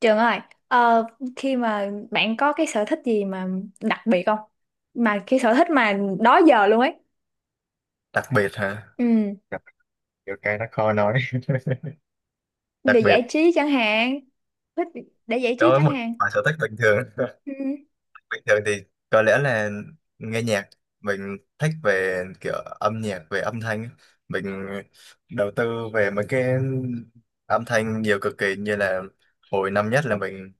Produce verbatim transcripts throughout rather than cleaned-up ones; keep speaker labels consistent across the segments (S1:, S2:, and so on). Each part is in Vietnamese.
S1: Trường ơi, ờ, khi mà bạn có cái sở thích gì mà đặc biệt không? Mà cái sở thích mà đó giờ luôn ấy.
S2: Đặc biệt hả?
S1: Ừ,
S2: Kiểu cái nó khó nói. Đặc
S1: về
S2: biệt
S1: giải trí chẳng hạn, thích để giải
S2: đối
S1: trí
S2: với
S1: chẳng
S2: một
S1: hạn.
S2: bài sở thích bình thường.
S1: Ừ,
S2: Bình thường thì có lẽ là nghe nhạc. Mình thích về kiểu âm nhạc, về âm thanh. Mình đầu tư về mấy cái âm thanh nhiều cực kỳ, như là hồi năm nhất là mình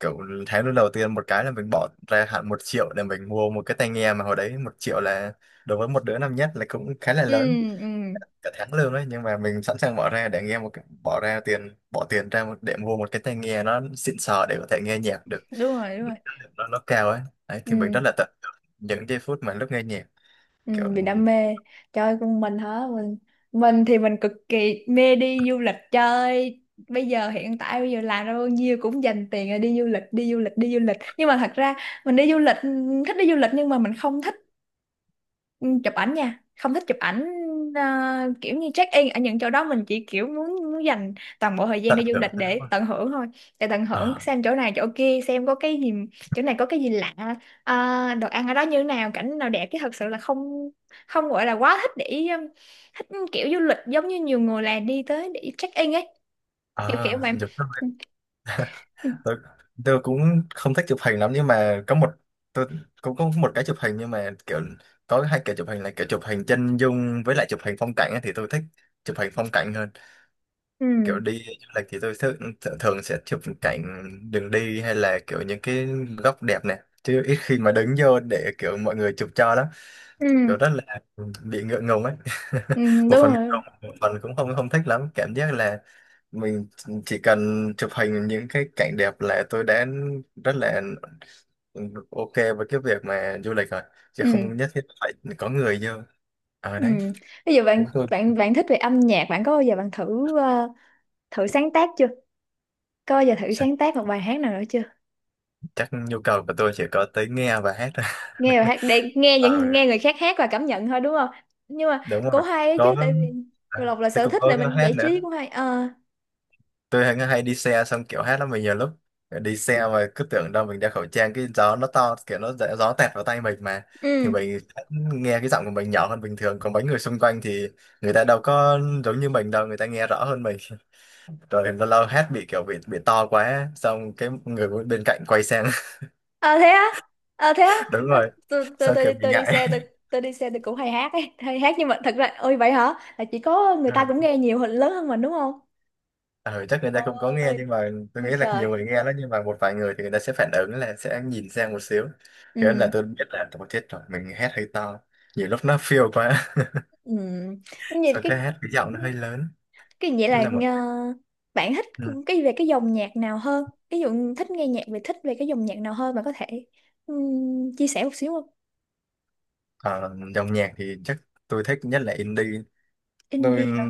S2: kiểu, tháng lúc đầu tiên một cái là mình bỏ ra hẳn một triệu để mình mua một cái tai nghe, mà hồi đấy một triệu là đối với một đứa năm nhất là cũng khá là
S1: ừ,
S2: lớn,
S1: ừ,
S2: cả tháng lương đấy. Nhưng mà mình sẵn sàng bỏ ra để nghe một cái, bỏ ra tiền bỏ tiền ra một, để mua một cái tai nghe nó xịn sò để có thể nghe nhạc được.
S1: đúng rồi, đúng rồi.
S2: Nó, nó cao ấy. Đấy, thì mình rất
S1: Ừ,
S2: là tận hưởng những giây phút mà lúc nghe nhạc.
S1: ừ,
S2: Kiểu
S1: vì đam mê. Trời con mình hả? Mình mình thì mình cực kỳ mê đi du lịch chơi. Bây giờ hiện tại bây giờ làm ra bao nhiêu cũng dành tiền là đi du lịch, đi du lịch, đi du lịch. Nhưng mà thật ra mình đi du lịch, thích đi du lịch nhưng mà mình không thích, Ừ, chụp ảnh nha, không thích chụp ảnh, ờ, kiểu như check in ở những chỗ đó, mình chỉ kiểu muốn muốn dành toàn bộ thời gian
S2: tận
S1: đi du
S2: hưởng.
S1: lịch để tận hưởng thôi, để tận hưởng
S2: À,
S1: xem chỗ này chỗ kia, xem có cái gì, chỗ này có cái gì lạ, ờ, đồ ăn ở đó như thế nào, cảnh nào đẹp, chứ thật sự là không, không gọi là quá thích để um, thích kiểu du lịch giống như nhiều người là đi tới để check in ấy, kiểu kiểu
S2: à,
S1: vậy.
S2: chụp.
S1: Ừ
S2: Tôi, tôi cũng không thích chụp hình lắm, nhưng mà có một, tôi cũng có một cái chụp hình nhưng mà kiểu, có hai kiểu chụp hình là kiểu chụp hình chân dung với lại chụp hình phong cảnh ấy, thì tôi thích chụp hình phong cảnh hơn. Kiểu
S1: ừ
S2: đi du lịch thì tôi thường, thường sẽ chụp cảnh đường đi, hay là kiểu những cái góc đẹp này, chứ ít khi mà đứng vô để kiểu mọi người chụp cho lắm.
S1: ừ
S2: Kiểu rất là bị ngượng ngùng ấy.
S1: ừ,
S2: Một
S1: đúng
S2: phần ngượng
S1: rồi.
S2: ngùng, một phần cũng không không thích lắm, cảm giác là mình chỉ cần chụp hình những cái cảnh đẹp là tôi đã rất là ok với cái việc mà du lịch rồi, chứ không
S1: Ừ
S2: nhất thiết phải có người vô ở
S1: ừ.
S2: đấy.
S1: Bây giờ
S2: Đúng,
S1: bạn
S2: tôi,
S1: bạn bạn thích về âm nhạc, bạn có bao giờ bạn thử ờ, thử sáng tác chưa? Có bao giờ thử
S2: chắc
S1: sáng tác một bài hát nào nữa chưa?
S2: chắc nhu cầu của tôi chỉ có tới nghe và hát thôi.
S1: Nghe bài hát để nghe
S2: Ờ,
S1: những nghe người khác hát và cảm nhận thôi đúng không? Nhưng mà
S2: đúng
S1: cũng
S2: rồi.
S1: hay ấy chứ
S2: Có
S1: tại vì
S2: à,
S1: Lộc là
S2: thế
S1: sở
S2: cũng
S1: thích
S2: có
S1: là
S2: cái
S1: mình
S2: hát
S1: giải trí
S2: nữa.
S1: cũng hay. Ờ
S2: Tôi hay, hay đi xe xong kiểu hát lắm, mình nhiều lúc đi xe mà cứ tưởng đâu mình đeo khẩu trang, cái gió nó to kiểu nó dễ- gió tẹt vào tay mình mà, thì
S1: ừ.
S2: mình nghe cái giọng của mình nhỏ hơn bình thường, còn mấy người xung quanh thì người ta đâu có giống như mình đâu, người ta nghe rõ hơn mình. Rồi lâu lâu hát bị kiểu bị bị to quá xong cái người bên cạnh quay sang.
S1: Ờ thế á. Ờ thế á.
S2: Đúng
S1: Ờ,
S2: rồi,
S1: Tôi tôi
S2: sao kiểu
S1: tôi
S2: bị
S1: tôi đi
S2: ngại.
S1: xe tôi tôi đi xe tôi cũng hay hát ấy, hay hát nhưng mà thật ra, ôi vậy hả? Là chỉ có người ta cũng nghe nhiều hơn lớn hơn mình đúng không?
S2: Ừ, chắc người ta cũng có nghe,
S1: Ôi,
S2: nhưng mà tôi
S1: ôi
S2: nghĩ là
S1: trời.
S2: nhiều người nghe lắm, nhưng mà một vài người thì người ta sẽ phản ứng là sẽ nhìn sang một xíu. Thế nên là
S1: Ừ.
S2: tôi biết là tôi chết rồi, mình hét hơi to, nhiều lúc nó feel quá.
S1: Ừ. Như vậy
S2: Sau cái
S1: cái
S2: hét cái giọng nó hơi lớn.
S1: Cái vậy
S2: Thế
S1: là
S2: là một.
S1: ờ, bạn thích
S2: Ừ.
S1: cái, về cái dòng nhạc nào hơn? Ví dụ thích nghe nhạc về, thích về cái dòng nhạc nào hơn, bạn có thể ừm, chia sẻ một xíu không?
S2: Ờ, dòng nhạc thì chắc tôi thích nhất là indie. Tôi
S1: Indie hả?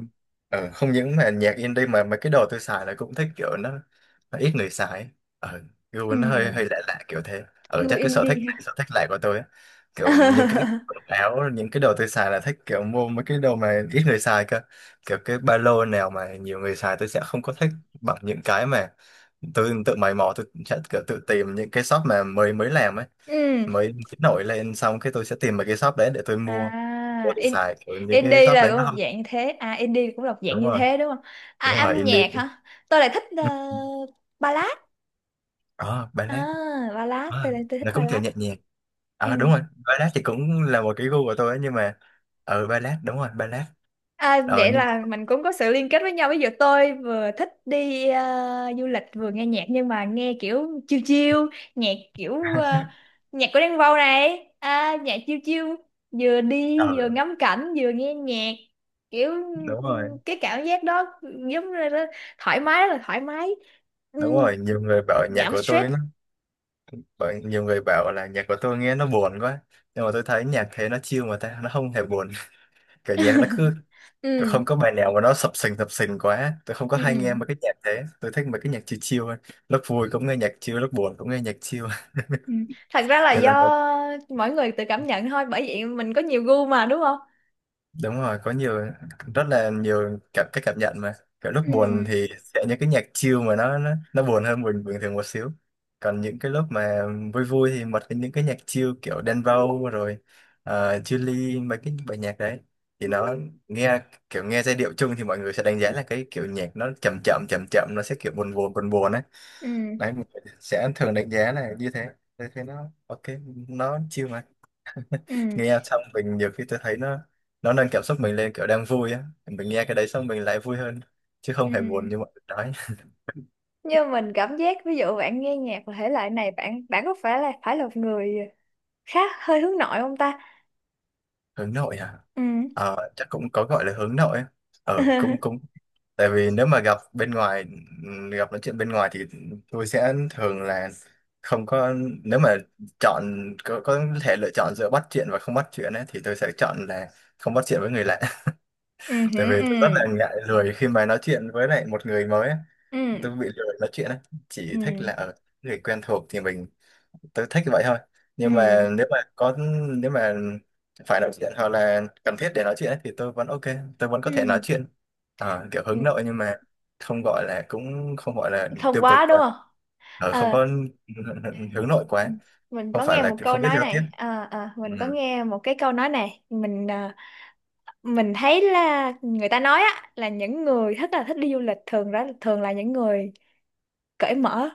S2: ờ, không những mà nhạc indie mà mấy cái đồ tôi xài là cũng thích kiểu nó, nó ít người xài, ở, gu
S1: Ừ,
S2: nó hơi hơi lạ lạ kiểu thế, ở,
S1: gu
S2: chắc cái sở thích
S1: indie
S2: này
S1: hả?
S2: sở thích lại của tôi á. Kiểu những cái quần áo, những cái đồ tôi xài là thích kiểu mua mấy cái đồ mà ít người xài cơ. Kiểu cái ba lô nào mà nhiều người xài tôi sẽ không có thích bằng những cái mà tôi tự mày mò, tôi sẽ kiểu tự tìm những cái shop mà mới mới làm ấy,
S1: Ừ.
S2: mới, mới nổi lên, xong cái tôi sẽ tìm mấy cái shop đấy để tôi mua. Tôi
S1: À, in,
S2: xài kiểu những cái
S1: indie
S2: shop
S1: là
S2: đấy
S1: cũng
S2: nó
S1: một
S2: không.
S1: dạng như thế. À, indie cũng là một dạng
S2: Đúng
S1: như
S2: rồi.
S1: thế đúng không? À,
S2: Đúng rồi,
S1: âm nhạc
S2: indie.
S1: hả? Tôi lại thích ờ, ballad.
S2: Ờ, ballad.
S1: À, ballad.
S2: Ờ,
S1: Tôi lại tôi thích
S2: nó cũng kiểu
S1: ballad.
S2: nhẹ nhàng.
S1: Ừ.
S2: Ờ, đúng rồi. Ballad thì cũng là một cái gu của tôi ấy, nhưng mà, ờ, ballad, đúng rồi, ballad.
S1: À,
S2: Ờ,
S1: vậy
S2: nhưng,
S1: là mình cũng có sự liên kết với nhau. Ví dụ tôi vừa thích đi ờ, du lịch, vừa nghe nhạc nhưng mà nghe kiểu chill chill, nhạc kiểu ờ, nhạc của Đen Vâu này, à, nhạc chill chill, vừa
S2: ờ,
S1: đi vừa ngắm cảnh vừa nghe nhạc. Kiểu
S2: đúng rồi,
S1: ừ, cái cảm giác đó giống như là thoải mái, rất là thoải mái. Ừ,
S2: đúng rồi, nhiều người bảo nhạc
S1: giảm
S2: của tôi
S1: stress.
S2: nó, bảo, nhiều người bảo là nhạc của tôi nghe nó buồn quá, nhưng mà tôi thấy nhạc thế nó chill mà ta, nó không hề buồn. Kiểu nhạc nó cứ,
S1: Ừ.
S2: không có bài nào mà nó sập sình sập sình quá, tôi không có
S1: Ừ.
S2: hay nghe mấy cái nhạc thế, tôi thích mấy cái nhạc chill chill hơn. Lúc vui cũng nghe nhạc chill, lúc buồn cũng nghe nhạc chill.
S1: Ừ. Thật ra là
S2: Đây
S1: do
S2: là một.
S1: mỗi người tự cảm nhận thôi, bởi vậy mình có nhiều gu mà đúng không?
S2: Đúng rồi, có nhiều, rất là nhiều cảm cái cảm nhận mà, kiểu lúc
S1: Ừ.
S2: buồn thì sẽ những cái nhạc chill mà nó nó, nó buồn hơn bình bình thường một xíu. Còn những cái lúc mà vui vui thì bật những cái nhạc chill kiểu Đen Vâu, rồi uh, Chillies, mấy cái bài nhạc đấy thì nó nghe, kiểu nghe giai điệu chung thì mọi người sẽ đánh giá là cái kiểu nhạc nó chậm chậm chậm chậm, nó sẽ kiểu buồn buồn buồn buồn ấy.
S1: Ừ.
S2: Đấy, mọi người sẽ thường đánh giá là như thế. Thế thế nó ok, nó chill mà.
S1: Ừ.
S2: Nghe xong mình nhiều khi tôi thấy nó nó nâng cảm xúc mình lên, kiểu đang vui á mình nghe cái đấy xong mình lại vui hơn, chứ
S1: Ừ.
S2: không hề buồn như mọi người nói.
S1: Nhưng mình cảm giác ví dụ bạn nghe nhạc và thể loại này, bạn bạn có phải là phải là một người khá hơi hướng nội không ta?
S2: Hướng nội à?
S1: Ừ.
S2: Ờ, chắc cũng có gọi là hướng nội á, ờ, cũng cũng Tại vì nếu mà gặp bên ngoài, gặp nói chuyện bên ngoài thì tôi sẽ thường là không có, nếu mà chọn, có, có thể lựa chọn giữa bắt chuyện và không bắt chuyện ấy, thì tôi sẽ chọn là không bắt chuyện với người lạ.
S1: Ừ.
S2: Tại vì tôi rất
S1: Ừ.
S2: là ngại lười khi mà nói chuyện với lại một người mới. Tôi
S1: Ừ.
S2: bị lười nói chuyện ấy.
S1: Ừ.
S2: Chỉ thích là ở người quen thuộc thì mình, tôi thích vậy thôi.
S1: Ừ.
S2: Nhưng mà nếu mà có nếu mà phải nói chuyện hoặc là cần thiết để nói chuyện ấy, thì tôi vẫn ok, tôi vẫn
S1: Ừ.
S2: có thể nói
S1: Ừ.
S2: chuyện. Ờ, kiểu
S1: Ừ.
S2: hướng nội nhưng mà không gọi là cũng không gọi là
S1: Không
S2: tiêu cực
S1: quá đúng
S2: quá.
S1: không?
S2: Ờ, không
S1: Ờ.
S2: có. Hướng nội
S1: Ừ.
S2: quá.
S1: Mình
S2: Không
S1: có
S2: phải
S1: nghe
S2: là
S1: một
S2: kiểu
S1: câu
S2: không biết
S1: nói
S2: giao tiếp.
S1: này. Ờ, ờ,
S2: Ừ.
S1: mình có nghe một cái câu nói này, mình ờ, mình thấy là người ta nói á, là những người thích, là thích đi du lịch thường đó, thường là những người cởi mở.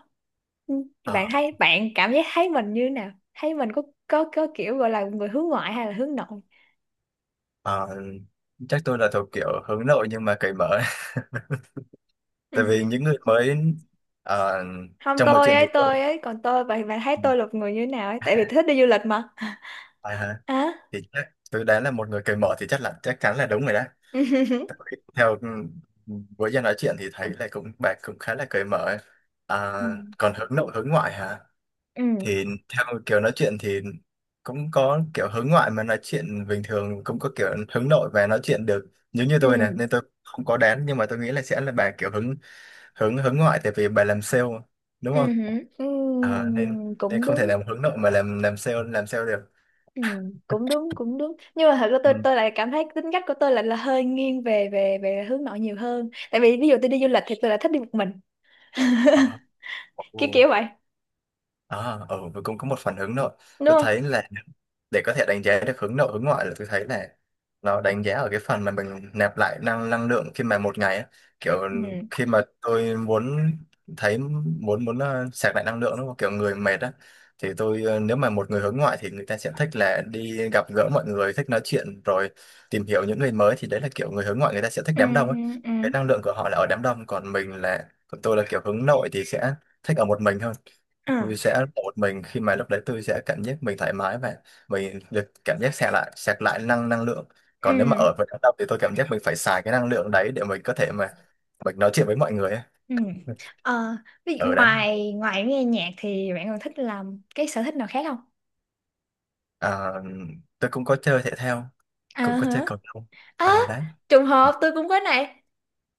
S1: Ừ, bạn
S2: Ờ,
S1: thấy, bạn cảm giác thấy mình như nào, thấy mình có có có kiểu gọi là người hướng ngoại hay là hướng nội.
S2: ờ, chắc tôi là thuộc kiểu hướng nội nhưng mà cởi mở.
S1: Ừ.
S2: Tại vì những người mới ờ,
S1: Không,
S2: trong mọi
S1: tôi
S2: chuyện
S1: ấy,
S2: thì tôi.
S1: tôi ấy, còn tôi, bạn bạn thấy
S2: Ừ.
S1: tôi là người như thế nào ấy, tại vì thích đi du lịch mà.
S2: À, hả?
S1: À,
S2: Thì chắc tôi đoán là một người cởi mở thì chắc là chắc chắn là đúng rồi đó.
S1: ừ
S2: Tại vì theo với Giang nói chuyện thì thấy là cũng bạn cũng khá là cởi mở ấy. À, còn hướng nội hướng ngoại hả?
S1: ừ
S2: Thì theo kiểu nói chuyện thì cũng có kiểu hướng ngoại mà nói chuyện bình thường, cũng có kiểu hướng nội và nói chuyện được, giống như tôi này,
S1: ừ
S2: nên tôi không có đoán, nhưng mà tôi nghĩ là sẽ là bà kiểu hướng hướng hướng ngoại tại vì bà làm sale, đúng
S1: ừ
S2: không?
S1: ừ ừ,
S2: À, nên, nên
S1: cũng
S2: không thể
S1: đúng.
S2: làm hướng nội mà làm làm sale làm sale được.
S1: Ừ, cũng đúng, cũng đúng. Nhưng mà thật ra tôi
S2: Ừ.
S1: tôi lại cảm thấy tính cách của tôi lại là hơi nghiêng về về về hướng nội nhiều hơn, tại vì ví dụ tôi đi du lịch thì tôi lại thích đi một mình,
S2: Đó.
S1: kiểu
S2: Ồ.
S1: kiểu vậy
S2: À, ở ừ, tôi cũng có một phản ứng rồi.
S1: đúng
S2: Tôi
S1: không?
S2: thấy là để có thể đánh giá được hướng nội hướng ngoại là tôi thấy là nó đánh giá ở cái phần mà mình nạp lại năng năng lượng khi mà một ngày á. Kiểu
S1: Ừ.
S2: khi mà tôi muốn thấy muốn muốn ờ, sạc lại năng lượng, đúng không, kiểu người mệt á, thì tôi, ờ, nếu mà một người hướng ngoại thì người ta sẽ thích là đi gặp gỡ mọi người, thích nói chuyện, rồi tìm hiểu những người mới, thì đấy là kiểu người hướng ngoại, người ta sẽ thích
S1: Ừ
S2: đám đông
S1: ừ
S2: á.
S1: ừ
S2: Cái năng lượng của họ là ở đám đông, còn mình là còn tôi là kiểu hướng nội thì sẽ thích ở một mình hơn.
S1: ừ
S2: Tôi sẽ ở một mình khi mà lúc đấy tôi sẽ cảm giác mình thoải mái và mình được cảm giác sạc lại sạc lại năng năng lượng.
S1: ừ
S2: Còn nếu mà ở với đám đông thì tôi cảm giác mình phải xài cái năng lượng đấy để mình có thể mà mình nói chuyện với mọi người ấy.
S1: ừ. Ờ, vậy
S2: Ở đấy.
S1: ngoài ngoài nghe nhạc thì bạn còn thích làm cái sở thích nào khác không?
S2: À, tôi cũng có chơi thể thao, cũng
S1: À
S2: có chơi
S1: hả.
S2: cầu lông
S1: À,
S2: ở đấy.
S1: trùng hợp tôi cũng có này.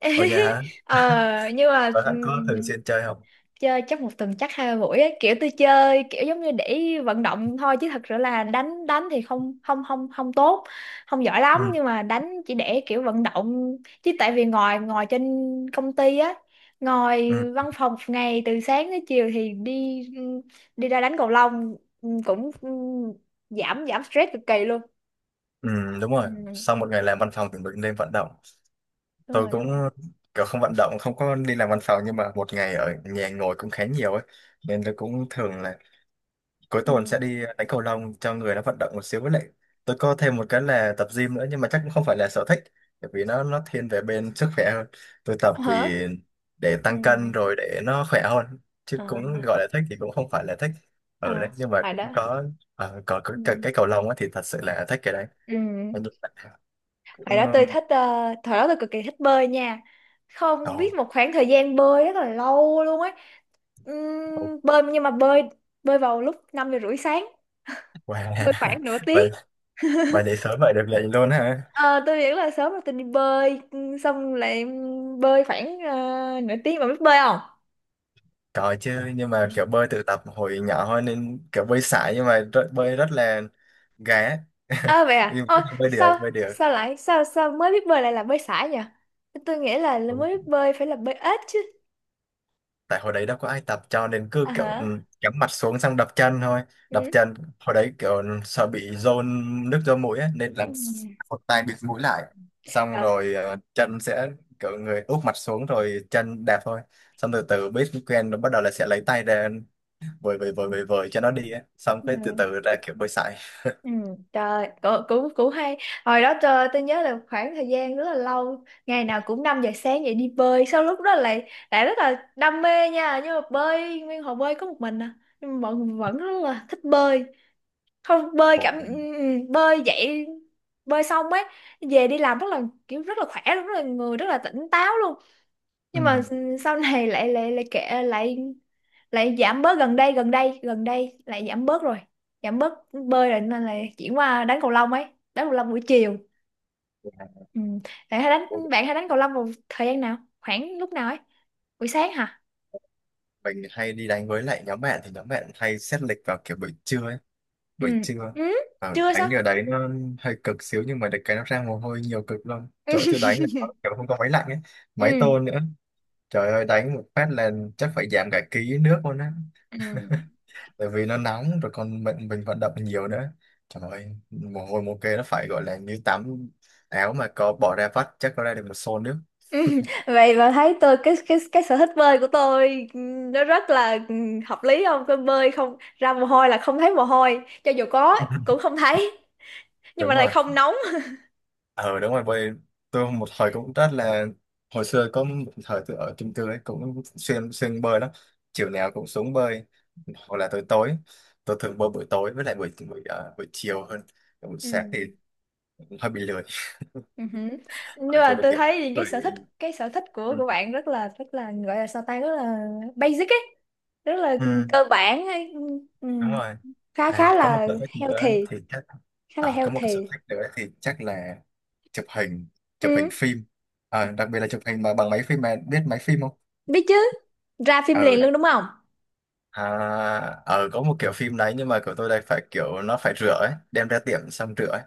S2: Ở nhà hả?
S1: Ờ, nhưng mà
S2: Ở bạn có thường xuyên chơi không?
S1: chơi chắc một tuần chắc hai ba buổi ấy. Kiểu tôi chơi kiểu giống như để vận động thôi, chứ thật sự là đánh đánh thì không không không không tốt, không giỏi lắm,
S2: Ừ,
S1: nhưng mà đánh chỉ để kiểu vận động. Chứ tại vì ngồi ngồi trên công ty á, ngồi
S2: ừ,
S1: văn phòng một ngày từ sáng tới chiều thì đi, đi ra đánh cầu lông, ừ, cũng ừ, giảm giảm stress cực kỳ luôn.
S2: ừ, đúng rồi.
S1: Ừ,
S2: Sau một ngày làm văn phòng thì mình nên vận động.
S1: đúng
S2: Tôi
S1: rồi
S2: cũng
S1: đúng rồi.
S2: kiểu không vận động, không có đi làm văn phòng, nhưng mà một ngày ở nhà ngồi cũng khá nhiều ấy, nên tôi cũng thường là cuối tuần
S1: Ừ.
S2: sẽ đi đánh cầu lông cho người nó vận động một xíu, với lại tôi có thêm một cái là tập gym nữa, nhưng mà chắc cũng không phải là sở thích, bởi vì nó nó thiên về bên sức khỏe hơn. Tôi tập
S1: Hả
S2: vì để
S1: ừ.
S2: tăng cân rồi để nó khỏe hơn, chứ
S1: À,
S2: cũng gọi là thích thì cũng không phải là thích. Ở đấy
S1: à,
S2: nhưng mà
S1: hồi
S2: cũng
S1: đó.
S2: có, ờ, có cái, cái,
S1: Ừ.
S2: cái cầu lông á thì thật sự là thích cái đấy.
S1: Ừ.
S2: Mà nhưng mà cũng
S1: Hồi đó tôi thích ờ, thời đó tôi cực kỳ thích bơi nha.
S2: ờ,
S1: Không biết
S2: ồ,
S1: một khoảng thời gian bơi rất là lâu luôn ấy.
S2: oh,
S1: Ừm, bơi nhưng mà bơi bơi vào lúc năm giờ rưỡi sáng,
S2: wow.
S1: bơi khoảng nửa tiếng.
S2: vậy vậy để sớm vậy được lệnh luôn ha?
S1: Ờ, tôi nghĩ là sớm rồi tôi đi bơi, ừm, xong lại bơi khoảng ờ, nửa tiếng mà biết bơi không?
S2: Có chứ, nhưng mà
S1: Ừ.
S2: kiểu bơi tự tập hồi nhỏ thôi nên kiểu bơi sải, nhưng mà rất, bơi rất là gà.
S1: À vậy à?
S2: Nhưng
S1: Ôi,
S2: mà bơi được,
S1: sao
S2: bơi được.
S1: sao lại sao sao mới biết bơi lại là bơi sải nhỉ? Tôi nghĩ là, là
S2: Đúng.
S1: mới biết bơi phải là bơi ếch chứ.
S2: Tại hồi đấy đâu có ai tập, cho nên cứ
S1: À
S2: kiểu, ừ,
S1: hả?
S2: cắm mặt xuống xong đập chân thôi, đập
S1: Ừ.
S2: chân. Hồi đấy kiểu, ừ, sợ bị dồn nước do mũi á, nên là
S1: Ừ.
S2: một tay bịt mũi lại, xong
S1: Trời.
S2: rồi ờ, chân sẽ kiểu người úp mặt xuống rồi chân đạp thôi. Xong từ từ biết quen rồi, bắt đầu là sẽ lấy tay ra vời vời vời vời vời cho nó đi á, xong
S1: Ừ.
S2: cái từ từ ra kiểu bơi sải.
S1: Ừ, trời cũng, cũng cũng hay. Hồi đó trời tôi nhớ là khoảng thời gian rất là lâu, ngày nào cũng năm giờ sáng dậy đi bơi. Sau lúc đó lại lại rất là đam mê nha, nhưng mà bơi nguyên hồ bơi có một mình à, nhưng mà mọi người vẫn rất là thích bơi, không bơi
S2: Ồ,
S1: cảm, ừ, ừ, bơi dậy, bơi xong ấy về đi làm rất là, kiểu rất là khỏe luôn, rất là người rất là tỉnh táo luôn.
S2: ừ.
S1: Nhưng mà sau này lại lại lại kệ, lại lại giảm bớt, gần đây gần đây gần đây lại giảm bớt rồi, giảm bớt bơi rồi nên là chuyển qua đánh cầu lông ấy, đánh cầu lông buổi chiều. Ừ. Bạn hay đánh bạn hay đánh cầu lông vào thời gian nào, khoảng lúc nào ấy, buổi sáng hả?
S2: Mình hay đi đánh với lại nhóm bạn, thì nhóm bạn hay xét lịch vào kiểu buổi trưa ấy.
S1: Ừ
S2: Buổi trưa.
S1: ừ.
S2: À,
S1: Trưa sao?
S2: đánh ở đấy nó hơi cực xíu, nhưng mà được cái nó ra mồ hôi nhiều cực lắm. Chỗ
S1: Ừ
S2: tôi đánh là nó kiểu không có máy lạnh ấy, máy
S1: ừ
S2: tôn nữa, trời ơi đánh một phát là chắc phải giảm cả ký nước luôn á.
S1: ừ.
S2: Tại vì nó nóng rồi còn mình mình vận động nhiều nữa, trời ơi mồ hôi mồ kê nó phải gọi là như tắm. Áo mà có bỏ ra vắt chắc có ra được một xô nước.
S1: Ừ. Vậy mà thấy tôi, cái cái cái sở thích bơi của tôi, ừ, nó rất là ừ, hợp lý không? Tôi bơi không ra mồ hôi là không thấy mồ hôi, cho dù có cũng không thấy, nhưng
S2: Đúng
S1: mà lại
S2: rồi,
S1: không nóng.
S2: ờ đúng rồi, bởi vì tôi một thời cũng rất là, hồi xưa có một thời tôi ở chung cư ấy cũng xuyên xuyên bơi lắm. Chiều nào cũng xuống bơi, hoặc là tối tối tôi thường bơi buổi tối, với lại buổi buổi, ờ, buổi chiều hơn. Buổi
S1: Ừ.
S2: sáng thì hơi bị lười,
S1: Ừ hử. Nhưng
S2: bởi tôi
S1: mà
S2: được
S1: tôi
S2: việc lắm
S1: thấy thì cái
S2: rồi.
S1: sở thích, cái sở thích của
S2: Ừ,
S1: của bạn rất là rất là, gọi là sao ta, rất là basic ấy, rất là
S2: ừ,
S1: cơ bản ấy. Ừ.
S2: đúng rồi.
S1: khá khá
S2: À, có một
S1: là
S2: sở thích nữa
S1: healthy,
S2: thì chắc,
S1: khá là
S2: à, có một cái sở
S1: healthy.
S2: thích nữa thì chắc là chụp hình, chụp hình
S1: Ừ.
S2: phim. À, đặc biệt là chụp hình mà bằng máy phim, mà biết máy phim không?
S1: Biết chứ, ra phim
S2: Ừ.
S1: liền luôn đúng không?
S2: À, ờ, có một kiểu phim đấy nhưng mà của tôi đây phải kiểu nó phải rửa ấy, đem ra tiệm xong rửa ấy.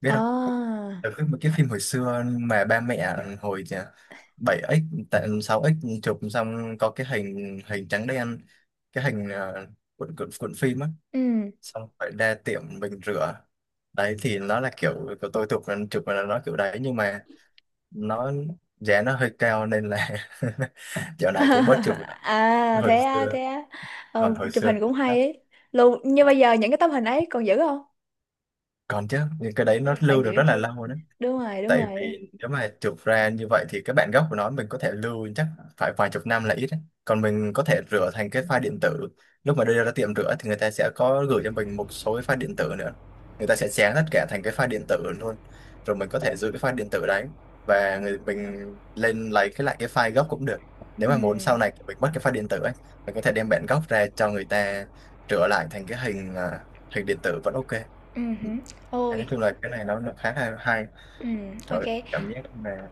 S2: Biết không?
S1: À
S2: Ở cái, một cái phim hồi xưa mà ba mẹ hồi bảy x, tại sáu x, chụp xong có cái hình hình trắng đen, cái hình ờ, cuộn cuộn cuộn phim á,
S1: ừ.
S2: xong phải ra tiệm mình rửa. Đấy thì nó là kiểu của tôi chụp, chụp là nó kiểu đấy, nhưng mà nó giá nó hơi cao nên là dạo này cũng bớt chụp lại.
S1: À
S2: Hồi
S1: thế á,
S2: xưa,
S1: thế á. Ờ,
S2: còn hồi
S1: chụp
S2: xưa.
S1: hình cũng hay ấy, luôn như bây giờ những cái tấm hình ấy còn giữ không?
S2: Còn chứ, những cái đấy nó
S1: Phải
S2: lưu
S1: giữ
S2: được rất
S1: chứ.
S2: là lâu đấy.
S1: Đúng rồi đúng
S2: Tại
S1: rồi.
S2: vì nếu mà chụp ra như vậy thì cái bản gốc của nó mình có thể lưu chắc phải vài chục năm là ít đấy. Còn mình có thể rửa thành cái file điện tử. Lúc mà đưa ra tiệm rửa thì người ta sẽ có gửi cho mình một số cái file điện tử nữa, người ta sẽ chén tất cả thành cái file điện tử luôn, rồi mình có thể giữ cái file điện tử đấy, và người, mình lên lấy cái lại cái file gốc cũng được. Nếu
S1: Ừ.
S2: mà muốn sau này mình mất cái file điện tử ấy, mình có thể đem bản gốc ra cho người ta rửa lại thành cái hình, à, hình điện tử vẫn ok.
S1: Ừ hử.
S2: Dạ,
S1: Ôi
S2: nói chung là cái này nó nó khá là hay.
S1: ừ. OK.
S2: Trời, cảm giác mà,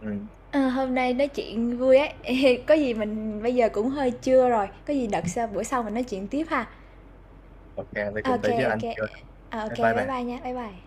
S2: ừ,
S1: Ờ, hôm nay nói chuyện vui ấy. Có gì mình bây giờ cũng hơi trưa rồi, có gì đợt sau bữa sau mình nói chuyện tiếp ha.
S2: ok, tôi cùng
S1: OK,
S2: tới với
S1: OK,
S2: anh
S1: ô.
S2: chưa?
S1: Ờ, ô,
S2: Bye bye
S1: bye
S2: bạn.
S1: bye nha, bye bye.